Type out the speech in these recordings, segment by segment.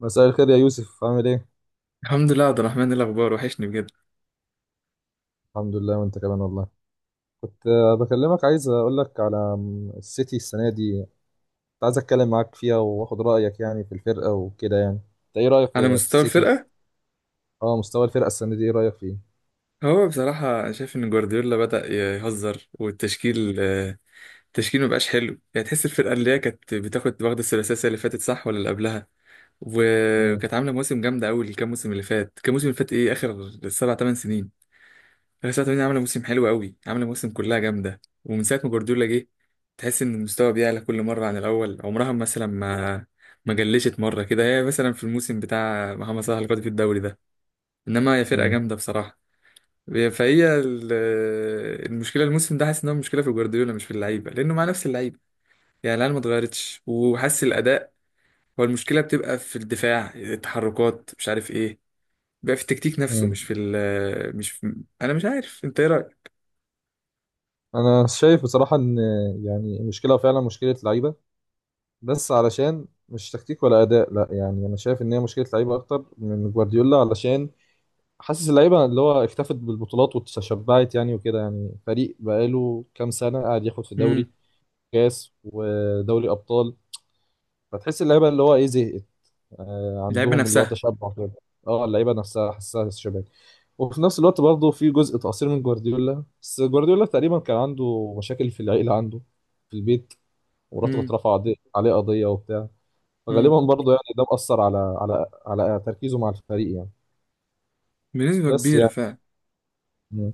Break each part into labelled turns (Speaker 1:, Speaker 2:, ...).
Speaker 1: مساء الخير يا يوسف، عامل ايه؟
Speaker 2: الحمد لله، عبد الرحمن. إيه الاخبار؟ وحشني بجد.
Speaker 1: الحمد لله وانت كمان والله. كنت بكلمك، عايز اقول لك على السيتي السنة دي. كنت عايز اتكلم معاك فيها واخد رأيك يعني في الفرقة وكده يعني. انت ايه رأيك
Speaker 2: على
Speaker 1: في
Speaker 2: مستوى
Speaker 1: السيتي؟
Speaker 2: الفرقه.
Speaker 1: اه، مستوى الفرقة السنة دي ايه رأيك فيه؟
Speaker 2: هو بصراحه شايف ان جوارديولا بدا يهزر، والتشكيل آه، التشكيل مبقاش حلو. يعني تحس الفرقه اللي هي كانت واخده الثلاثيه السنة اللي فاتت، صح؟ ولا اللي قبلها.
Speaker 1: مم.
Speaker 2: وكانت عامله مواسم جامده قوي، الكام موسم اللي فات كام موسم اللي فات، ايه؟ اخر 7 8 سنين. اخر سبع ثمان عامله موسم حلو قوي، عامله موسم كلها جامده، ومن ساعه ما جوارديولا جه تحس ان المستوى بيعلى كل مره عن الاول. عمرها مثلا ما جلشت مره كده، هي مثلا في الموسم بتاع محمد صلاح اللي خد فيه الدوري ده. انما هي فرقه
Speaker 1: مم.
Speaker 2: جامده بصراحه. فهي ال- المشكله الموسم ده، حاسس ان هو مشكله في جوارديولا مش في اللعيبه، لانه مع نفس اللعيبه. يعني العيال ما اتغيرتش، وحاسس الاداء، هو المشكله بتبقى في الدفاع، التحركات، مش عارف ايه. بقى في التكتيك نفسه، مش
Speaker 1: مم.
Speaker 2: في ال مش في انا مش عارف انت ايه رايك.
Speaker 1: انا شايف بصراحة ان يعني المشكلة فعلا مشكلة لعيبة. بس علشان مش تكتيك ولا اداء، لا يعني انا شايف ان هي مشكلة لعيبة اكتر من جوارديولا. علشان حاسس اللعيبه اللي هو اكتفت بالبطولات وتشبعت يعني وكده يعني، فريق بقاله كام سنه قاعد ياخد في دوري
Speaker 2: امم.
Speaker 1: كاس ودوري ابطال. فتحس اللعيبه اللي هو ايه زهقت.
Speaker 2: اللعيبه
Speaker 1: عندهم اللي هو
Speaker 2: نفسها.
Speaker 1: تشبع كده. اه، اللعيبه نفسها حاسسها شباب. وفي نفس الوقت برضه في جزء تقصير من جوارديولا، بس جوارديولا تقريبا كان عنده مشاكل في العيله، عنده في البيت. ومراته كانت
Speaker 2: امم.
Speaker 1: رافعه عليه قضيه وبتاع.
Speaker 2: امم.
Speaker 1: فغالبا برضه يعني ده مأثر على تركيزه مع الفريق يعني.
Speaker 2: بنسبه
Speaker 1: بس
Speaker 2: كبيره
Speaker 1: يعني.
Speaker 2: فعلا.
Speaker 1: مم.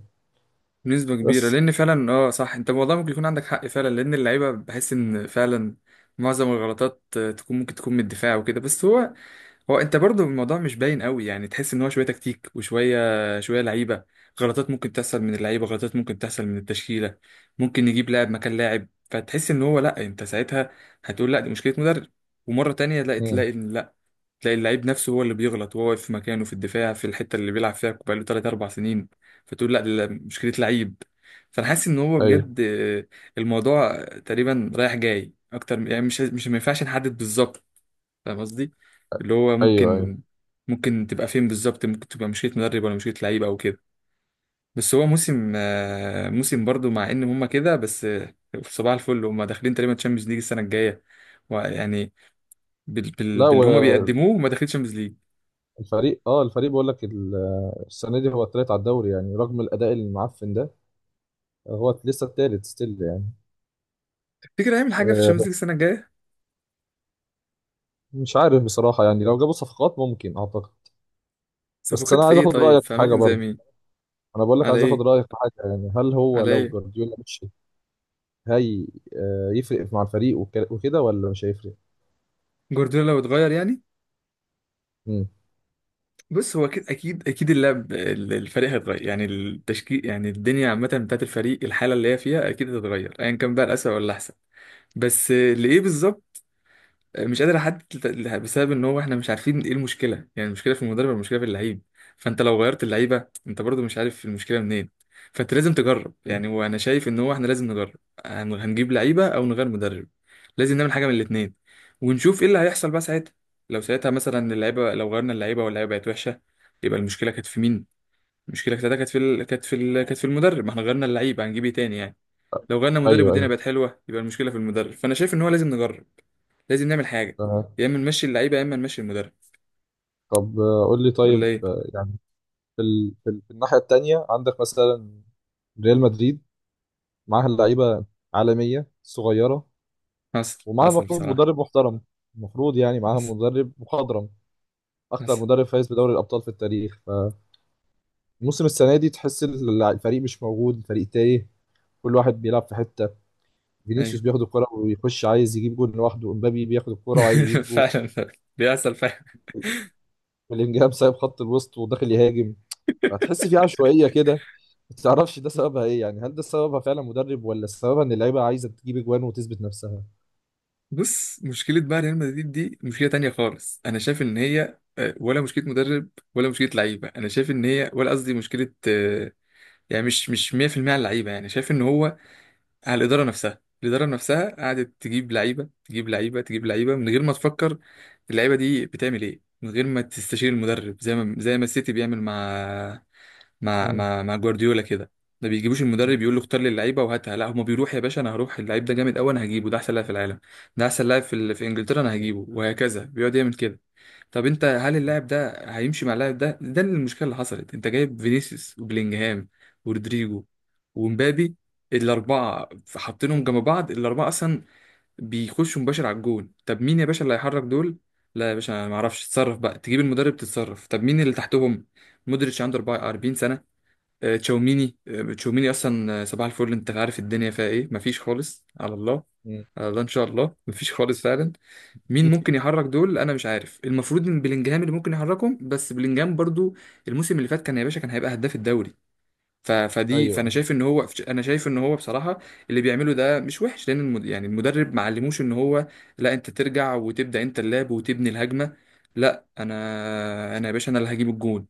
Speaker 2: بنسبه كبيره،
Speaker 1: بس.
Speaker 2: لان فعلا، اه، صح. انت والله ممكن يكون عندك حق فعلا، لان اللعيبه بحس ان فعلا معظم الغلطات ممكن تكون من الدفاع وكده. بس هو، هو انت برضو الموضوع مش باين قوي. يعني تحس ان هو شويه تكتيك وشويه شويه لعيبه. غلطات ممكن تحصل من اللعيبه، غلطات ممكن تحصل من التشكيله. ممكن نجيب لاعب مكان لاعب، فتحس ان هو لا، انت ساعتها هتقول لا، دي مشكله مدرب. ومره تانية لا،
Speaker 1: امم.
Speaker 2: تلاقي ان لا تلاقي اللعيب نفسه هو اللي بيغلط، وهو واقف في مكانه في الدفاع في الحته اللي بيلعب فيها بقاله 3 4 سنين. فتقول لا، دي مشكله لعيب. فانا حاسس ان هو
Speaker 1: ايوه
Speaker 2: بجد، الموضوع تقريبا رايح جاي يعني مش مش ما ينفعش نحدد بالظبط. فاهم قصدي؟ اللي هو
Speaker 1: ايوه ايوه.
Speaker 2: ممكن تبقى فين بالظبط، ممكن تبقى مشيت مدرب ولا مشيت لعيب او كده. بس هو موسم برضو، مع ان هما كده، بس صباح الفل. هما داخلين تقريبا تشامبيونز ليج السنه الجايه، ويعني
Speaker 1: لا،
Speaker 2: باللي هما
Speaker 1: والفريق.
Speaker 2: بيقدموه، هما داخلين تشامبيونز ليج.
Speaker 1: اه، الفريق بقول لك السنه دي هو التالت على الدوري يعني، رغم الاداء المعفن ده هو لسه التالت ستيل يعني.
Speaker 2: تفتكر هيعمل حاجه في
Speaker 1: آه
Speaker 2: تشامبيونز ليج
Speaker 1: بس
Speaker 2: السنه الجايه؟
Speaker 1: مش عارف بصراحه يعني، لو جابوا صفقات ممكن، اعتقد. بس
Speaker 2: صفقات
Speaker 1: انا
Speaker 2: في
Speaker 1: عايز
Speaker 2: ايه؟
Speaker 1: اخد
Speaker 2: طيب
Speaker 1: رايك
Speaker 2: في
Speaker 1: في حاجه
Speaker 2: اماكن زي
Speaker 1: برضه.
Speaker 2: مين؟
Speaker 1: انا بقول لك
Speaker 2: على
Speaker 1: عايز اخد
Speaker 2: ايه؟
Speaker 1: رايك في حاجه، يعني هل هو
Speaker 2: على
Speaker 1: لو
Speaker 2: ايه؟
Speaker 1: جوارديولا مشي؟ هي يفرق مع الفريق وكده، ولا مش هيفرق؟
Speaker 2: جوارديولا لو اتغير يعني.
Speaker 1: امم.
Speaker 2: بص، هو اكيد اكيد اكيد الفريق هيتغير، يعني التشكيل، يعني الدنيا عامه بتاعت الفريق، الحاله اللي هي فيها اكيد هتتغير، ايا كان بقى الاسوء ولا الاحسن. بس لايه بالظبط، مش قادر احدد بسبب ان هو احنا مش عارفين ايه المشكله، يعني المشكله في المدرب ولا المشكله في اللعيب. فانت لو غيرت اللعيبه انت برضو مش عارف المشكله منين. فانت لازم تجرب، يعني وانا شايف ان هو احنا لازم نجرب. هنجيب لعيبه او نغير مدرب، لازم نعمل حاجه من الاثنين، ونشوف ايه اللي هيحصل بقى ساعتها. لو ساعتها مثلا اللعيبه، لو غيرنا اللعيبه واللعيبه بقت وحشه، يبقى المشكله كانت في مين؟ المشكله كانت في ال... كانت في ال... كانت في المدرب، ما احنا غيرنا اللعيبه هنجيب ايه تاني يعني. لو غيرنا مدرب
Speaker 1: ايوه
Speaker 2: والدنيا
Speaker 1: ايوه
Speaker 2: بقت حلوه، يبقى المشكله في المدرب. فانا شايف ان هو لازم نجرب، لازم نعمل حاجه.
Speaker 1: تمام.
Speaker 2: يا اما نمشي اللعيبه يا اما نمشي المدرب،
Speaker 1: طب قول لي،
Speaker 2: ولا
Speaker 1: طيب
Speaker 2: ايه؟
Speaker 1: يعني في الناحيه التانيه عندك مثلا ريال مدريد. معاها لعيبه عالميه صغيره،
Speaker 2: حصل،
Speaker 1: ومعاها
Speaker 2: حصل
Speaker 1: المفروض
Speaker 2: بصراحه.
Speaker 1: مدرب محترم. المفروض يعني معاها
Speaker 2: حصل،
Speaker 1: مدرب مخضرم، اكتر
Speaker 2: حصل،
Speaker 1: مدرب فايز بدوري الابطال في التاريخ. فموسم السنه دي تحس الفريق مش موجود، الفريق تايه. كل واحد بيلعب في حته.
Speaker 2: ايوه.
Speaker 1: فينيسيوس بياخد الكره ويخش عايز يجيب جول لوحده، امبابي بياخد الكره وعايز يجيب جول،
Speaker 2: فعلا فعلا، بيحصل فعلا.
Speaker 1: بلينجهام سايب خط الوسط وداخل يهاجم. فهتحس في عشوائيه كده. ما تعرفش ده سببها ايه يعني، هل ده سببها فعلا مدرب ولا سببها ان اللعيبه عايزه تجيب اجوان وتثبت نفسها؟
Speaker 2: بص، مشكله بقى ريال مدريد دي مشكله تانية خالص. انا شايف ان هي، ولا مشكله مدرب ولا مشكله لعيبه. انا شايف ان هي ولا قصدي مشكله، يعني مش مش 100% على اللعيبه. يعني شايف ان هو على الإدارة نفسها قعدت تجيب لعيبة تجيب لعيبة تجيب لعيبة من غير ما تفكر اللعيبة دي بتعمل إيه، من غير ما تستشير المدرب، زي ما السيتي بيعمل مع مع
Speaker 1: امم.
Speaker 2: مع مع جوارديولا كده. ما بيجيبوش المدرب يقول له اختار لي اللعيبه وهاتها، لا، هما بيروح يا باشا انا هروح اللعيب ده جامد قوي انا هجيبه، ده احسن لاعب في العالم، ده احسن لاعب في انجلترا انا هجيبه. وهكذا بيقعد يعمل كده. طب انت هل اللاعب ده هيمشي مع اللاعب ده اللي المشكله اللي حصلت، انت جايب فينيسيوس وبلينجهام ورودريجو ومبابي، الاربعه حاطينهم جنب بعض، الاربعه اصلا بيخشوا مباشر على الجون. طب مين يا باشا اللي هيحرك دول؟ لا يا باشا، انا ما اعرفش. تتصرف بقى، تجيب المدرب، تتصرف. طب مين اللي تحتهم؟ مودريتش عنده 44 سنه. تشاوميني اصلا، صباح الفل. انت عارف الدنيا فيها ايه؟ مفيش خالص، على الله.
Speaker 1: امم.
Speaker 2: على الله، ان شاء الله، مفيش خالص فعلا. مين ممكن يحرك دول؟ انا مش عارف. المفروض ان بلينجهام اللي ممكن يحركهم، بس بلينجهام برضو الموسم اللي فات كان يا باشا كان هيبقى هداف الدوري. فدي،
Speaker 1: ايوه.
Speaker 2: فانا شايف ان هو انا شايف ان هو بصراحه اللي بيعمله ده مش وحش، لان يعني المدرب ما علموش ان هو لا، انت ترجع وتبدا انت اللعب وتبني الهجمه. لا انا يا باشا، انا اللي هجيب الجون.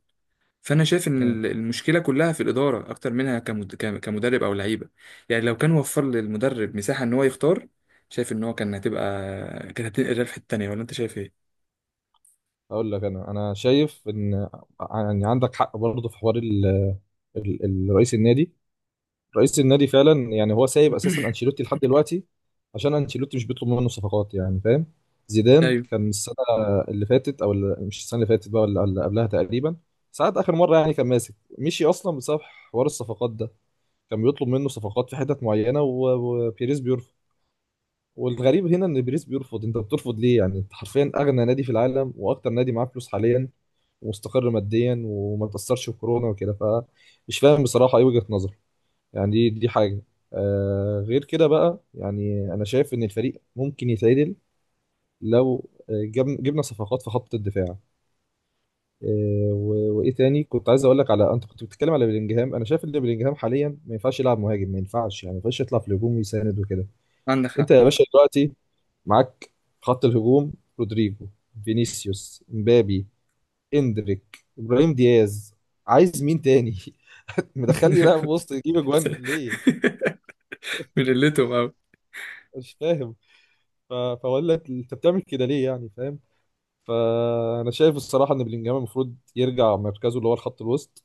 Speaker 2: فانا شايف ان
Speaker 1: مم.
Speaker 2: المشكله كلها في الاداره اكتر منها كمدرب او لعيبه. يعني لو كان وفر للمدرب مساحه ان هو يختار، شايف ان هو كان هتبقى كانت هتنقل الريال في حته تانيه. ولا انت شايف ايه؟
Speaker 1: اقول لك انا شايف ان يعني عندك حق برضه في حوار رئيس النادي. رئيس النادي فعلا يعني، هو سايب اساسا انشيلوتي لحد دلوقتي عشان انشيلوتي مش بيطلب منه صفقات يعني، فاهم.
Speaker 2: لا،
Speaker 1: زيدان
Speaker 2: ايوه،
Speaker 1: كان السنه اللي فاتت، او اللي مش السنه اللي فاتت بقى ولا اللي قبلها تقريبا، ساعات اخر مره يعني كان ماسك، مشي اصلا بسبب حوار الصفقات ده. كان بيطلب منه صفقات في حتت معينه و... وبيريز بيرفض. والغريب هنا ان بيريز بيرفض. انت بترفض ليه يعني؟ انت حرفيا اغنى نادي في العالم واكتر نادي معاه فلوس حاليا، ومستقر ماديا وما تاثرش بكورونا وكده، فمش فاهم بصراحه ايه وجهه نظر يعني. دي حاجه. غير كده بقى يعني، انا شايف ان الفريق ممكن يتعدل لو جبنا صفقات في خط الدفاع. وايه تاني كنت عايز اقول لك على، انت كنت بتتكلم على بلينجهام. انا شايف ان بلينجهام حاليا ما ينفعش يلعب مهاجم، ما ينفعش يعني، ما ينفعش يطلع في الهجوم ويساند وكده.
Speaker 2: عندك
Speaker 1: انت
Speaker 2: حق.
Speaker 1: يا باشا دلوقتي معاك خط الهجوم: رودريجو، فينيسيوس، امبابي، اندريك، ابراهيم دياز. عايز مين تاني؟ مدخل لي لاعب وسط يجيب اجوان ليه؟
Speaker 2: من قلتهم قوي.
Speaker 1: مش فاهم. فاقول لك، انت بتعمل كده ليه يعني، فاهم؟ فانا شايف الصراحه ان بلينجهام المفروض يرجع مركزه اللي هو الخط الوسط،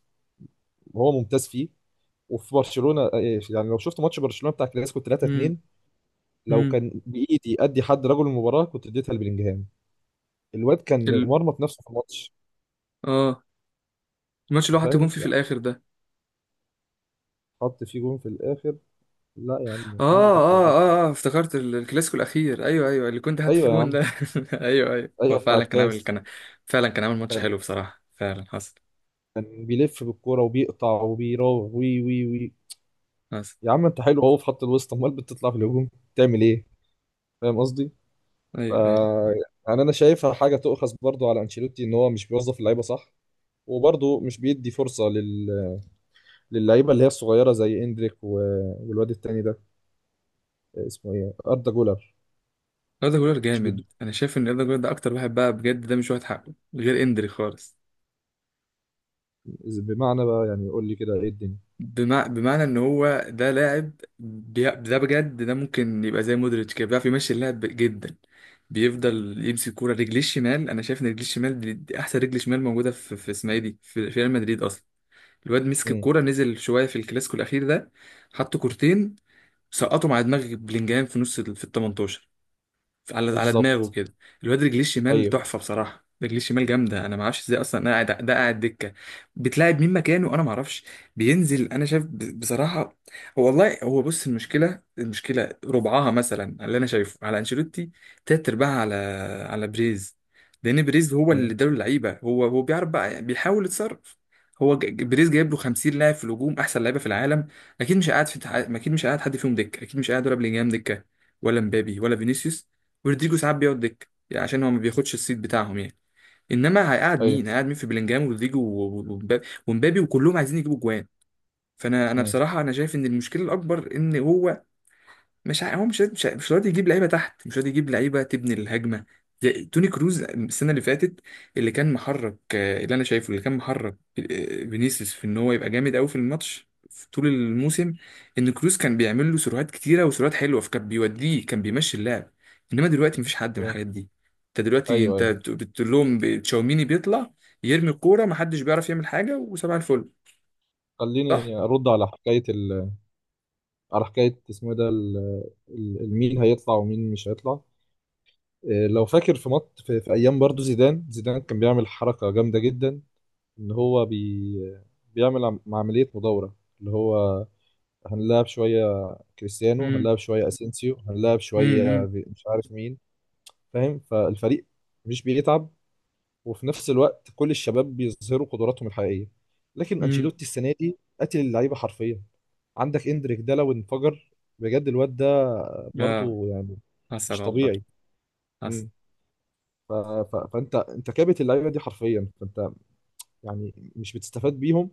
Speaker 1: وهو ممتاز فيه. وفي برشلونه، يعني لو شفت ماتش برشلونه بتاع كلاسيكو 3
Speaker 2: امم.
Speaker 1: 2 لو
Speaker 2: امم.
Speaker 1: كان بايدي ادي حد رجل المباراه كنت اديتها لبلينجهام. الواد كان
Speaker 2: ال...
Speaker 1: مرمط نفسه في الماتش،
Speaker 2: اه الماتش اللي هو حط جون
Speaker 1: فاهم
Speaker 2: فيه في
Speaker 1: يعني.
Speaker 2: الاخر ده.
Speaker 1: حط فيه جون في الاخر. لا يا عم،
Speaker 2: اه،
Speaker 1: مين اللي حط
Speaker 2: اه،
Speaker 1: الجون؟
Speaker 2: اه، اه، افتكرت الكلاسيكو الاخير. ايوه، ايوه، اللي كنت حاطط فيه
Speaker 1: ايوه يا
Speaker 2: جون
Speaker 1: عم.
Speaker 2: ده. ايوه، ايوه. هو
Speaker 1: ايوه، بتاع
Speaker 2: فعلا كان عامل
Speaker 1: الكاس.
Speaker 2: فعلا كان عامل ماتش حلو بصراحه، فعلا حصل.
Speaker 1: كان بيلف بالكوره وبيقطع وبيراوغ وي وي وي.
Speaker 2: حصل،
Speaker 1: يا عم انت حلو اهو في خط الوسط، امال بتطلع في الهجوم تعمل ايه؟ فاهم قصدي. ف،
Speaker 2: ايوه، ايوه.
Speaker 1: يعني انا شايفها حاجه تؤخذ برضو على انشيلوتي ان هو مش بيوظف اللعيبه صح. وبرضه مش بيدي فرصه للعيبه اللي هي الصغيره زي اندريك و... والواد التاني ده اسمه ايه، اردا جولر.
Speaker 2: أردا جولر
Speaker 1: مش بيدو،
Speaker 2: جامد. أنا شايف إن أردا جولر ده أكتر واحد بقى بجد، ده مش واخد حقه غير إندري خالص.
Speaker 1: بمعنى بقى يعني يقول لي كده ايه الدنيا.
Speaker 2: بمعنى إن هو ده لاعب، ده بجد، ده ممكن يبقى زي مودريتش كده، بيعرف يمشي اللعب جدا. بيفضل يمسك كورة، رجليه الشمال، أنا شايف إن رجليه الشمال دي أحسن رجل شمال موجودة في اسمها إيه دي في ريال مدريد أصلا. الواد مسك
Speaker 1: امم.
Speaker 2: الكورة، نزل شوية في الكلاسيكو الأخير ده، حط كورتين سقطوا مع دماغ بلينجهام في ال 18، على دماغه
Speaker 1: بالظبط.
Speaker 2: كده. الواد رجليه الشمال
Speaker 1: ايوه
Speaker 2: تحفه بصراحه، رجليه الشمال جامده. انا ما اعرفش ازاي اصلا، انا قاعد ده قاعد دكه، بتلاعب مين مكانه، انا ما اعرفش. بينزل، انا شايف بصراحه. هو والله هو بص، المشكله ربعها مثلا اللي انا شايفه على انشيلوتي، تلات ارباعها على بريز، لان بريز هو اللي اداله اللعيبه. هو بيعرف بقى، بيحاول يتصرف. هو بريز جايب له 50 لاعب في الهجوم، احسن لعيبه في العالم. اكيد مش قاعد في اكيد مش قاعد حد فيهم دكه، اكيد مش قاعد ولا بلينجهام دكه، ولا مبابي ولا فينيسيوس. ورودريجو ساعات بيقعد دكة يعني، عشان هو ما بياخدش السيت بتاعهم يعني. انما هيقعد
Speaker 1: ايوه.
Speaker 2: مين، هيقعد مين في بلينجهام ورودريجو ومبابي وكلهم عايزين يجيبوا جوان. فانا
Speaker 1: مم.
Speaker 2: بصراحه، انا شايف ان المشكله الاكبر ان هو مش ع- هو مش راضي يجيب لعيبه تحت، مش راضي يجيب لعيبه تبني الهجمه. زي توني كروز السنه اللي فاتت، اللي كان محرك، اللي انا شايفه، اللي كان محرك، فينيسيوس، في ان هو يبقى جامد قوي في الماتش، في طول الموسم. ان كروز كان بيعمل له سيروهات كتيره وسيروهات حلوه، فكان بيوديه، كان بيمشي اللعب. انما دلوقتي مفيش حد من الحاجات دي. انت دلوقتي
Speaker 1: ايوه
Speaker 2: انت
Speaker 1: ايوه أيوة.
Speaker 2: بتقول لهم، تشاوميني بيطلع يرمي الكوره، محدش بيعرف يعمل حاجه. وسبع الفل. صح؟
Speaker 1: خليني ارد على حكايه على حكايه اسمه إيه ده، المين هيطلع ومين مش هيطلع. لو فاكر في ايام برضو زيدان كان بيعمل حركه جامده جدا، ان هو بيعمل عمليه مدوره، اللي هو هنلعب شويه كريستيانو،
Speaker 2: امم.
Speaker 1: هنلعب شويه اسينسيو، هنلعب شويه
Speaker 2: امم.
Speaker 1: مش عارف مين. فاهم، فالفريق مش بيتعب، وفي نفس الوقت كل الشباب بيظهروا قدراتهم الحقيقيه. لكن
Speaker 2: امم.
Speaker 1: انشيلوتي السنه دي قتل اللعيبه حرفيا. عندك اندريك ده لو انفجر بجد، الواد ده
Speaker 2: اه.
Speaker 1: برضه يعني
Speaker 2: حصل
Speaker 1: مش
Speaker 2: والله،
Speaker 1: طبيعي.
Speaker 2: حصل،
Speaker 1: مم. ف... فانت كابت اللعيبه دي حرفيا، فانت يعني مش بتستفاد بيهم،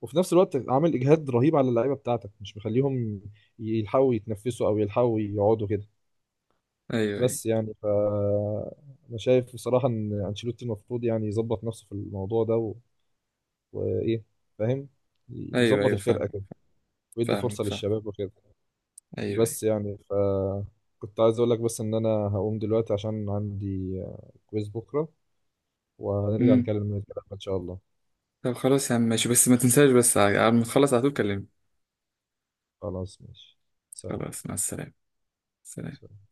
Speaker 1: وفي نفس الوقت عامل اجهاد رهيب على اللعيبه بتاعتك مش مخليهم يلحقوا يتنفسوا او يلحقوا يقعدوا كده.
Speaker 2: ايوه، ايوه،
Speaker 1: بس يعني، ف، انا شايف بصراحه ان انشيلوتي المفروض يعني يظبط نفسه في الموضوع ده. وايه، فاهم،
Speaker 2: ايوه،
Speaker 1: يظبط
Speaker 2: ايوه، فاهمك،
Speaker 1: الفرقه كده، ويدي فرصه
Speaker 2: فاهمك، فاهم،
Speaker 1: للشباب وكده.
Speaker 2: ايوه، ايوه،
Speaker 1: بس يعني، ف، كنت عايز اقول لك بس ان انا هقوم دلوقتي عشان عندي كويز بكره، وهنرجع
Speaker 2: امم.
Speaker 1: نكلم الكلام ان شاء الله.
Speaker 2: طب خلاص يا عم، ماشي، بس ما تنساش، بس على ما تخلص على طول كلمني.
Speaker 1: خلاص ماشي. سلام.
Speaker 2: خلاص، مع السلامة. سلام.
Speaker 1: سلام.